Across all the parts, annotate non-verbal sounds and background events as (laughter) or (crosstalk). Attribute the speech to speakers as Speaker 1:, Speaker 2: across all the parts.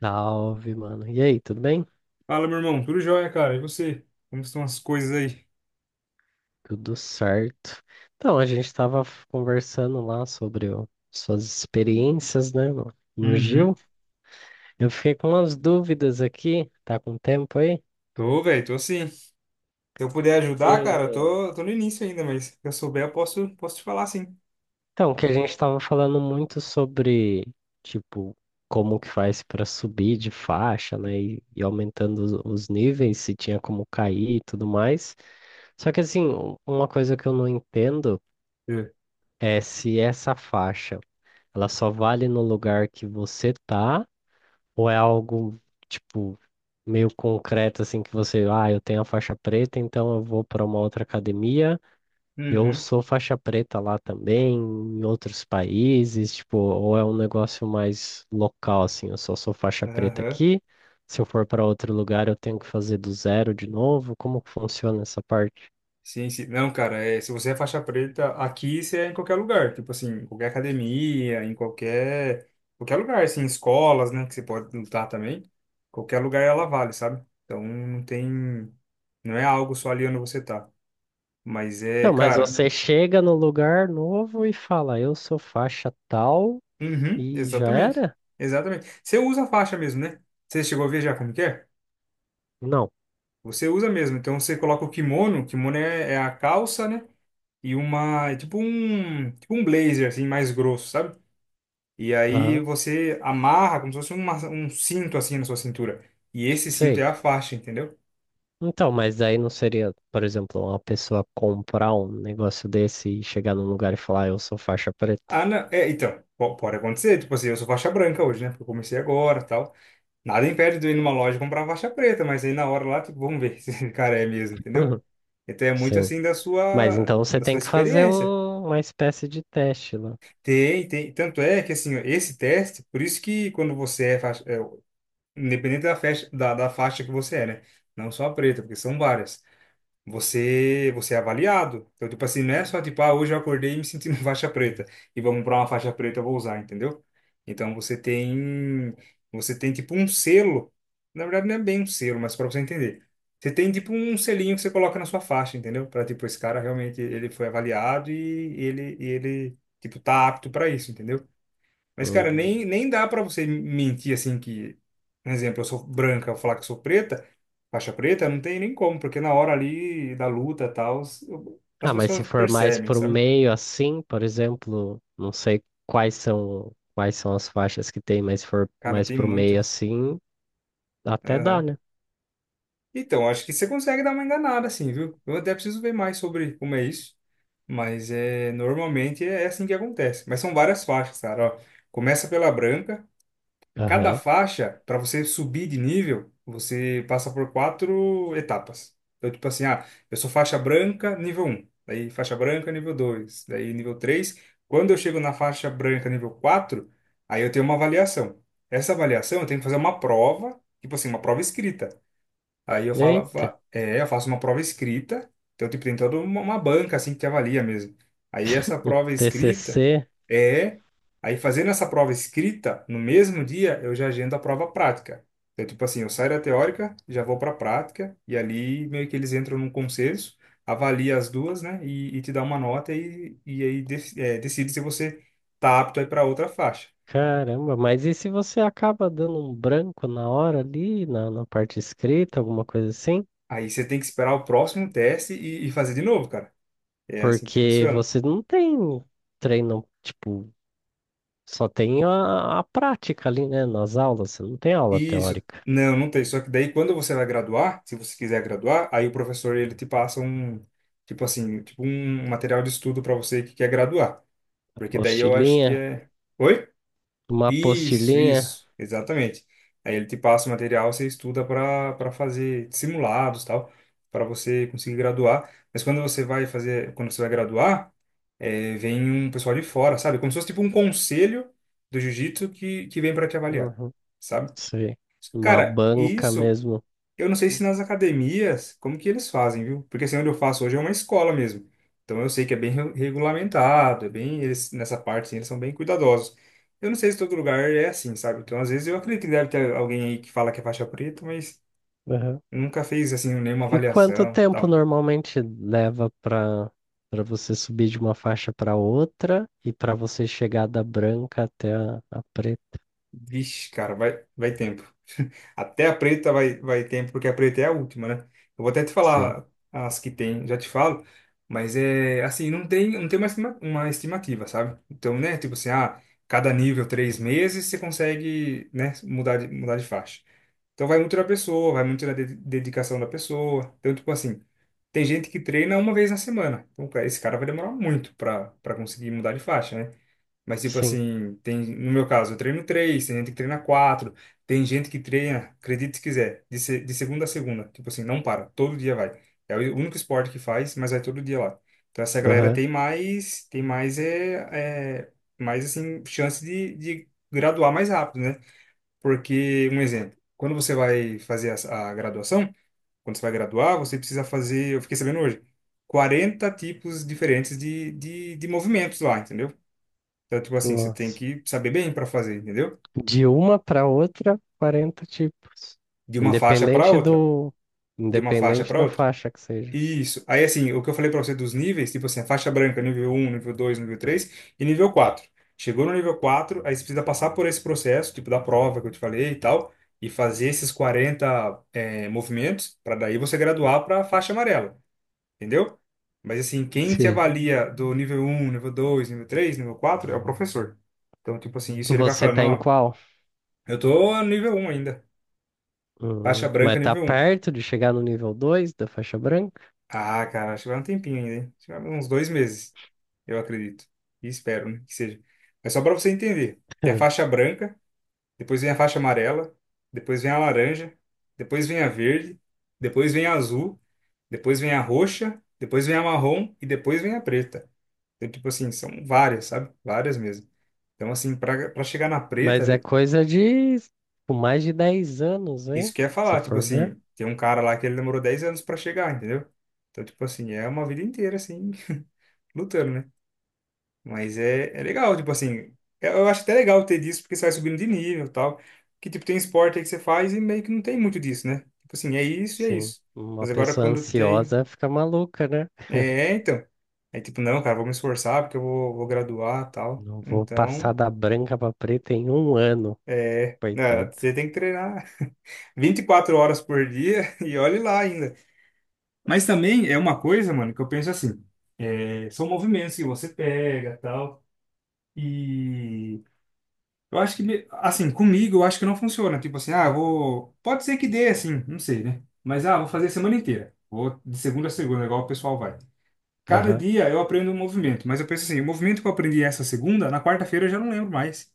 Speaker 1: Salve, mano. E aí, tudo bem?
Speaker 2: Fala, meu irmão. Tudo jóia, cara. E você? Como estão as coisas aí?
Speaker 1: Tudo certo. Então, a gente tava conversando lá sobre suas experiências, né, no Gil.
Speaker 2: Uhum.
Speaker 1: Eu fiquei com umas dúvidas aqui, tá com tempo aí?
Speaker 2: Tô, velho. Tô sim. Se eu puder ajudar, cara, eu
Speaker 1: É.
Speaker 2: tô no início ainda, mas se eu souber, eu posso te falar, sim.
Speaker 1: Então, que a gente tava falando muito sobre, tipo, como que faz pra subir de faixa, né, e aumentando os níveis, se tinha como cair e tudo mais. Só que, assim, uma coisa que eu não entendo
Speaker 2: É.
Speaker 1: é se essa faixa. Ela só vale no lugar que você tá, ou é algo, tipo, meio concreto, assim, que você, ah, eu tenho a faixa preta, então eu vou para uma outra academia, eu
Speaker 2: Uhum.
Speaker 1: sou faixa preta lá também, em outros países, tipo, ou é um negócio mais local, assim, eu só sou faixa preta
Speaker 2: Aham.
Speaker 1: aqui, se eu for para outro lugar eu tenho que fazer do zero de novo, como que funciona essa parte?
Speaker 2: Sim, sim. Não, cara, é, se você é faixa preta, aqui você é em qualquer lugar. Tipo assim, em qualquer academia, em qualquer. Qualquer lugar, assim, escolas, né? Que você pode lutar também. Qualquer lugar ela vale, sabe? Então, não tem. Não é algo só ali onde você tá. Mas é,
Speaker 1: Não, mas
Speaker 2: cara.
Speaker 1: você chega no lugar novo e fala, eu sou faixa tal
Speaker 2: Uhum,
Speaker 1: e já
Speaker 2: exatamente.
Speaker 1: era?
Speaker 2: Exatamente. Você usa a faixa mesmo, né? Você chegou a ver já como que é?
Speaker 1: Não.
Speaker 2: Você usa mesmo. Então você coloca o kimono, o kimono é a calça, né? É tipo um blazer assim mais grosso, sabe? E aí
Speaker 1: Aham,
Speaker 2: você amarra como se fosse um cinto assim na sua cintura. E esse cinto é
Speaker 1: sei.
Speaker 2: a faixa, entendeu?
Speaker 1: Então, mas daí não seria, por exemplo, uma pessoa comprar um negócio desse e chegar num lugar e falar, "Ah, eu sou faixa preta."
Speaker 2: Ah, não, é, então, pode acontecer, tipo assim, eu sou faixa branca hoje, né? Porque eu comecei agora, tal. Nada impede de eu ir numa loja e comprar faixa preta, mas aí na hora lá, tipo, vamos ver (laughs) se o cara é mesmo, entendeu?
Speaker 1: Uhum.
Speaker 2: Então é muito
Speaker 1: Sim.
Speaker 2: assim da
Speaker 1: Mas
Speaker 2: sua
Speaker 1: então você
Speaker 2: da sua
Speaker 1: tem que fazer
Speaker 2: experiência.
Speaker 1: uma espécie de teste lá.
Speaker 2: Tanto é que assim, ó, esse teste, por isso que quando você é, faixa, é, independente da faixa que você é, né? Não só a preta, porque são várias. Você é avaliado. Então, tipo assim, não é só tipo, ah, hoje eu acordei e me senti (laughs) uma faixa preta e vamos para uma faixa preta eu vou usar, entendeu? Então você tem tipo um selo. Na verdade não é bem um selo, mas para você entender. Você tem tipo um selinho que você coloca na sua faixa, entendeu? Para tipo esse cara realmente ele foi avaliado e ele tipo tá apto para isso, entendeu? Mas, cara,
Speaker 1: Hum.
Speaker 2: nem dá pra você mentir assim que, por exemplo, eu sou branca, eu falar que eu sou preta, faixa preta, não tem nem como, porque na hora ali da luta e tal, as
Speaker 1: Ah, mas se
Speaker 2: pessoas
Speaker 1: for mais
Speaker 2: percebem,
Speaker 1: pro
Speaker 2: sabe?
Speaker 1: meio assim, por exemplo, não sei quais são as faixas que tem, mas se for
Speaker 2: Cara,
Speaker 1: mais
Speaker 2: tem
Speaker 1: pro meio
Speaker 2: muitas.
Speaker 1: assim, até dá,
Speaker 2: Aham.
Speaker 1: né?
Speaker 2: Então, acho que você consegue dar uma enganada, assim, viu? Eu até preciso ver mais sobre como é isso, mas é normalmente é assim que acontece. Mas são várias faixas, cara, ó. Começa pela branca. Cada
Speaker 1: Aham.
Speaker 2: faixa, para você subir de nível, você passa por quatro etapas. Então, tipo assim, ah, eu sou faixa branca, nível um. Daí faixa branca, nível 2. Daí nível 3. Quando eu chego na faixa branca, nível 4, aí eu tenho uma avaliação. Essa avaliação eu tenho que fazer uma prova, tipo assim, uma prova escrita. Aí eu
Speaker 1: Eita,
Speaker 2: falava, é, eu faço uma prova escrita, então, tipo, tem toda uma banca, assim, que te avalia mesmo. Aí essa prova escrita
Speaker 1: TCC.
Speaker 2: é. Aí fazendo essa prova escrita, no mesmo dia, eu já agendo a prova prática. Então, tipo assim, eu saio da teórica, já vou para a prática, e ali meio que eles entram num consenso, avalia as duas, né, e te dá uma nota, e aí é, decide se você tá apto aí para outra faixa.
Speaker 1: Caramba, mas e se você acaba dando um branco na hora ali, na parte escrita, alguma coisa assim?
Speaker 2: Aí você tem que esperar o próximo teste e fazer de novo, cara. É assim que
Speaker 1: Porque
Speaker 2: funciona.
Speaker 1: você não tem treino, tipo, só tem a prática ali, né? Nas aulas, você não tem aula
Speaker 2: Isso.
Speaker 1: teórica.
Speaker 2: Não, não tem. Só que daí, quando você vai graduar, se você quiser graduar, aí o professor ele te passa um, tipo assim, tipo um material de estudo para você que quer graduar. Porque daí eu acho que
Speaker 1: Apostilinha,
Speaker 2: é. Oi?
Speaker 1: uma
Speaker 2: Isso,
Speaker 1: apostilinha,
Speaker 2: isso, exatamente. Aí ele te passa o material, você estuda para fazer simulados, tal, para você conseguir graduar. Mas quando você vai graduar, é, vem um pessoal de fora, sabe? Como se fosse tipo um conselho do jiu-jitsu que vem para te avaliar,
Speaker 1: uhum,
Speaker 2: sabe?
Speaker 1: sei, uma
Speaker 2: Cara,
Speaker 1: banca
Speaker 2: isso
Speaker 1: mesmo.
Speaker 2: eu não sei se nas academias, como que eles fazem, viu? Porque assim, onde eu faço hoje é uma escola mesmo. Então eu sei que é bem regulamentado, é bem, eles, nessa parte assim, eles são bem cuidadosos. Eu não sei se todo lugar é assim, sabe? Então às vezes eu acredito que deve ter alguém aí que fala que é faixa preta, mas
Speaker 1: Uhum.
Speaker 2: nunca fez assim nenhuma
Speaker 1: E quanto
Speaker 2: avaliação,
Speaker 1: tempo
Speaker 2: tal.
Speaker 1: normalmente leva para você subir de uma faixa para outra e para você chegar da branca até a preta?
Speaker 2: Vixe, cara, vai tempo. Até a preta vai ter, porque a preta é a última, né? Eu vou até te
Speaker 1: Sim,
Speaker 2: falar as que tem, já te falo, mas é assim, não tem uma, uma estimativa, sabe? Então, né, tipo assim, ah, cada nível 3 meses você consegue, né, mudar de faixa. Então vai muito da pessoa, vai muito da dedicação da pessoa. Então, tipo assim, tem gente que treina uma vez na semana. Então, cara, esse cara vai demorar muito para conseguir mudar de faixa, né? Mas, tipo
Speaker 1: sim.
Speaker 2: assim, tem, no meu caso, eu treino três, tem gente que treina quatro, tem gente que treina, acredite se quiser, de, se- de segunda a segunda. Tipo assim, não para, todo dia vai. É o único esporte que faz, mas vai todo dia lá. Então, essa galera
Speaker 1: Aham.
Speaker 2: mais assim, chance de graduar mais rápido, né? Porque, um exemplo, quando você vai fazer a graduação, quando você vai graduar, você precisa fazer, eu fiquei sabendo hoje, 40 tipos diferentes de movimentos lá, entendeu? Então, tipo assim, você tem
Speaker 1: Nossa.
Speaker 2: que saber bem para fazer, entendeu?
Speaker 1: De uma para outra, 40 tipos.
Speaker 2: De uma faixa para
Speaker 1: Independente
Speaker 2: outra,
Speaker 1: do.
Speaker 2: de uma faixa
Speaker 1: Independente
Speaker 2: para
Speaker 1: da
Speaker 2: outra.
Speaker 1: faixa que seja.
Speaker 2: Isso. Aí, assim, o que eu falei para você dos níveis, tipo assim, a faixa branca, nível um, nível dois, nível 3 e nível quatro. Chegou no nível quatro, aí você precisa passar por esse processo, tipo da prova que eu te falei e tal, e fazer esses 40 movimentos, para daí você graduar para faixa amarela, entendeu? Mas, assim, quem te
Speaker 1: Sei.
Speaker 2: avalia do nível um, nível dois, nível três, nível 4 é o professor. Então, tipo assim, isso ele vai
Speaker 1: Você
Speaker 2: falando,
Speaker 1: tá em
Speaker 2: ó,
Speaker 1: qual?
Speaker 2: eu tô no nível um ainda. Faixa branca,
Speaker 1: Mas tá
Speaker 2: nível um.
Speaker 1: perto de chegar no nível 2 da faixa branca? (laughs)
Speaker 2: Ah, cara, acho que vai um tempinho ainda, hein? Acho que vai uns 2 meses, eu acredito. E espero, né, que seja. Mas só para você entender, tem a
Speaker 1: Hum.
Speaker 2: faixa branca, depois vem a faixa amarela, depois vem a laranja, depois vem a verde, depois vem a azul, depois vem a roxa, depois vem a marrom e depois vem a preta. Então, tipo assim, são várias, sabe? Várias mesmo. Então, assim, para chegar na preta.
Speaker 1: Mas é coisa de tipo, mais de 10 anos,
Speaker 2: Isso
Speaker 1: hein?
Speaker 2: que eu ia
Speaker 1: Se
Speaker 2: falar, tipo
Speaker 1: for ver.
Speaker 2: assim, tem um cara lá que ele demorou 10 anos pra chegar, entendeu? Então, tipo assim, é uma vida inteira, assim, (laughs) lutando, né? Mas é legal, tipo assim, eu acho até legal ter disso, porque você vai subindo de nível e tal. Que, tipo, tem esporte aí que você faz e meio que não tem muito disso, né? Tipo assim, é isso e é
Speaker 1: Sim.
Speaker 2: isso.
Speaker 1: Uma
Speaker 2: Mas agora
Speaker 1: pessoa
Speaker 2: quando tem.
Speaker 1: ansiosa fica maluca, né?
Speaker 2: É, então. Aí, tipo, não, cara, vou me esforçar porque eu vou graduar e tal.
Speaker 1: Não vou passar
Speaker 2: Então,
Speaker 1: da branca pra preta em 1 ano,
Speaker 2: é, né?
Speaker 1: coitado.
Speaker 2: Você tem que treinar (laughs) 24 horas por dia (laughs) e olhe lá ainda. Mas também é uma coisa, mano, que eu penso assim, é, são movimentos que você pega, tal, e eu acho que, assim, comigo eu acho que não funciona, tipo assim, ah, pode ser que dê, assim, não sei, né? Mas, ah, vou fazer a semana inteira, vou de segunda a segunda, igual o pessoal vai. Cada dia eu aprendo um movimento, mas eu penso assim, o movimento que eu aprendi essa segunda, na quarta-feira eu já não lembro mais.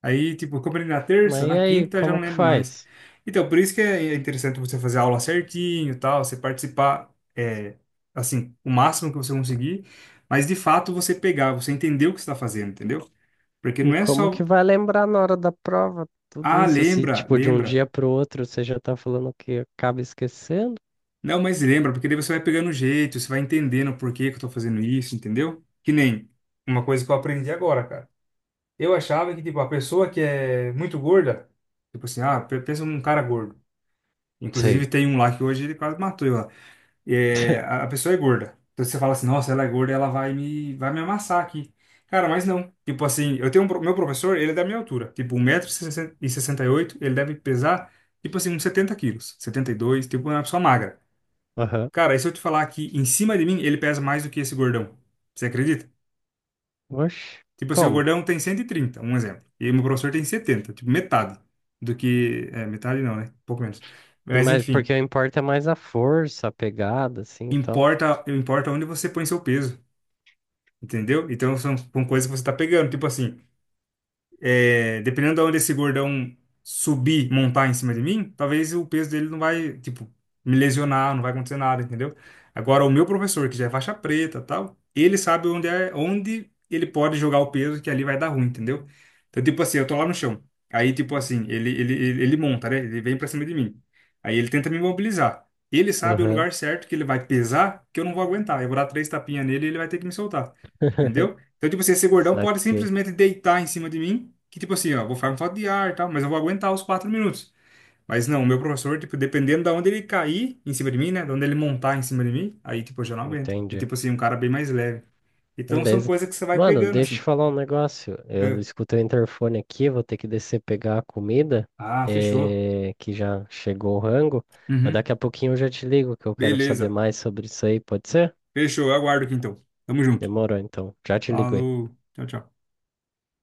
Speaker 2: Aí, tipo, eu comprei na terça,
Speaker 1: Mas e
Speaker 2: na
Speaker 1: aí,
Speaker 2: quinta, já não
Speaker 1: como que
Speaker 2: lembro mais.
Speaker 1: faz?
Speaker 2: Então, por isso que é interessante você fazer a aula certinho, e tal, você participar, é, assim, o máximo que você conseguir, mas de fato você pegar, você entender o que você está fazendo, entendeu? Porque
Speaker 1: E
Speaker 2: não é
Speaker 1: como que
Speaker 2: só,
Speaker 1: vai lembrar na hora da prova tudo
Speaker 2: ah,
Speaker 1: isso? Se,
Speaker 2: lembra,
Speaker 1: tipo, de um
Speaker 2: lembra.
Speaker 1: dia pro outro você já tá falando que acaba esquecendo?
Speaker 2: Não, mas lembra, porque daí você vai pegando o jeito, você vai entendendo o porquê que eu estou fazendo isso, entendeu? Que nem uma coisa que eu aprendi agora, cara. Eu achava que, tipo, a pessoa que é muito gorda, tipo assim, ah, pensa num cara gordo. Inclusive
Speaker 1: Sei.
Speaker 2: tem um lá que hoje ele quase matou eu lá. É, a
Speaker 1: (laughs)
Speaker 2: pessoa é gorda. Então você fala assim, nossa, ela é gorda, ela vai me amassar aqui. Cara, mas não. Tipo assim, eu tenho meu professor, ele é da minha altura. Tipo, 1,68 m ele deve pesar, tipo assim, uns 70 quilos. 72, tipo, é uma pessoa magra.
Speaker 1: Aham.
Speaker 2: Cara, e se eu te falar que em cima de mim, ele pesa mais do que esse gordão? Você acredita?
Speaker 1: Oxe,
Speaker 2: Tipo assim, o
Speaker 1: como?
Speaker 2: gordão tem 130, um exemplo. E meu professor tem 70, tipo, metade do que. É, metade não, né? Um pouco menos. Mas
Speaker 1: Mas, porque
Speaker 2: enfim.
Speaker 1: o importa é mais a força, a pegada, assim, então.
Speaker 2: Importa, importa onde você põe seu peso, entendeu? Então são coisas que você tá pegando, tipo assim, é, dependendo de onde esse gordão subir, montar em cima de mim, talvez o peso dele não vai, tipo, me lesionar, não vai acontecer nada, entendeu? Agora, o meu professor, que já é faixa preta, tal, ele sabe onde é, onde ele pode jogar o peso que ali vai dar ruim, entendeu? Então, tipo assim, eu tô lá no chão. Aí, tipo assim, ele monta, né? Ele vem pra cima de mim. Aí ele tenta me imobilizar. Ele sabe o
Speaker 1: Aham.
Speaker 2: lugar certo que ele vai pesar, que eu não vou aguentar. Eu vou dar três tapinhas nele e ele vai ter que me soltar.
Speaker 1: (laughs)
Speaker 2: Entendeu? Então, tipo assim, esse gordão pode
Speaker 1: Saquei.
Speaker 2: simplesmente deitar em cima de mim, que tipo assim, ó, vou ficar com falta de ar e tal, mas eu vou aguentar os 4 minutos. Mas não, o meu professor, tipo, dependendo da onde ele cair em cima de mim, né, de onde ele montar em cima de mim, aí, tipo, eu já não aguento. E,
Speaker 1: Entendi.
Speaker 2: tipo assim, um cara bem mais leve. Então, são
Speaker 1: Beleza.
Speaker 2: coisas que você vai
Speaker 1: Mano,
Speaker 2: pegando,
Speaker 1: deixa eu te
Speaker 2: assim.
Speaker 1: falar um negócio. Eu
Speaker 2: Eu,
Speaker 1: escutei o interfone aqui, vou ter que descer pegar a comida,
Speaker 2: ah, fechou.
Speaker 1: eh, que já chegou o rango. Mas
Speaker 2: Uhum.
Speaker 1: daqui a pouquinho eu já te ligo, que eu quero saber
Speaker 2: Beleza.
Speaker 1: mais sobre isso aí, pode ser?
Speaker 2: Fechou, eu aguardo aqui então. Tamo junto.
Speaker 1: Demorou, então. Já te ligo aí.
Speaker 2: Falou. Tchau, tchau.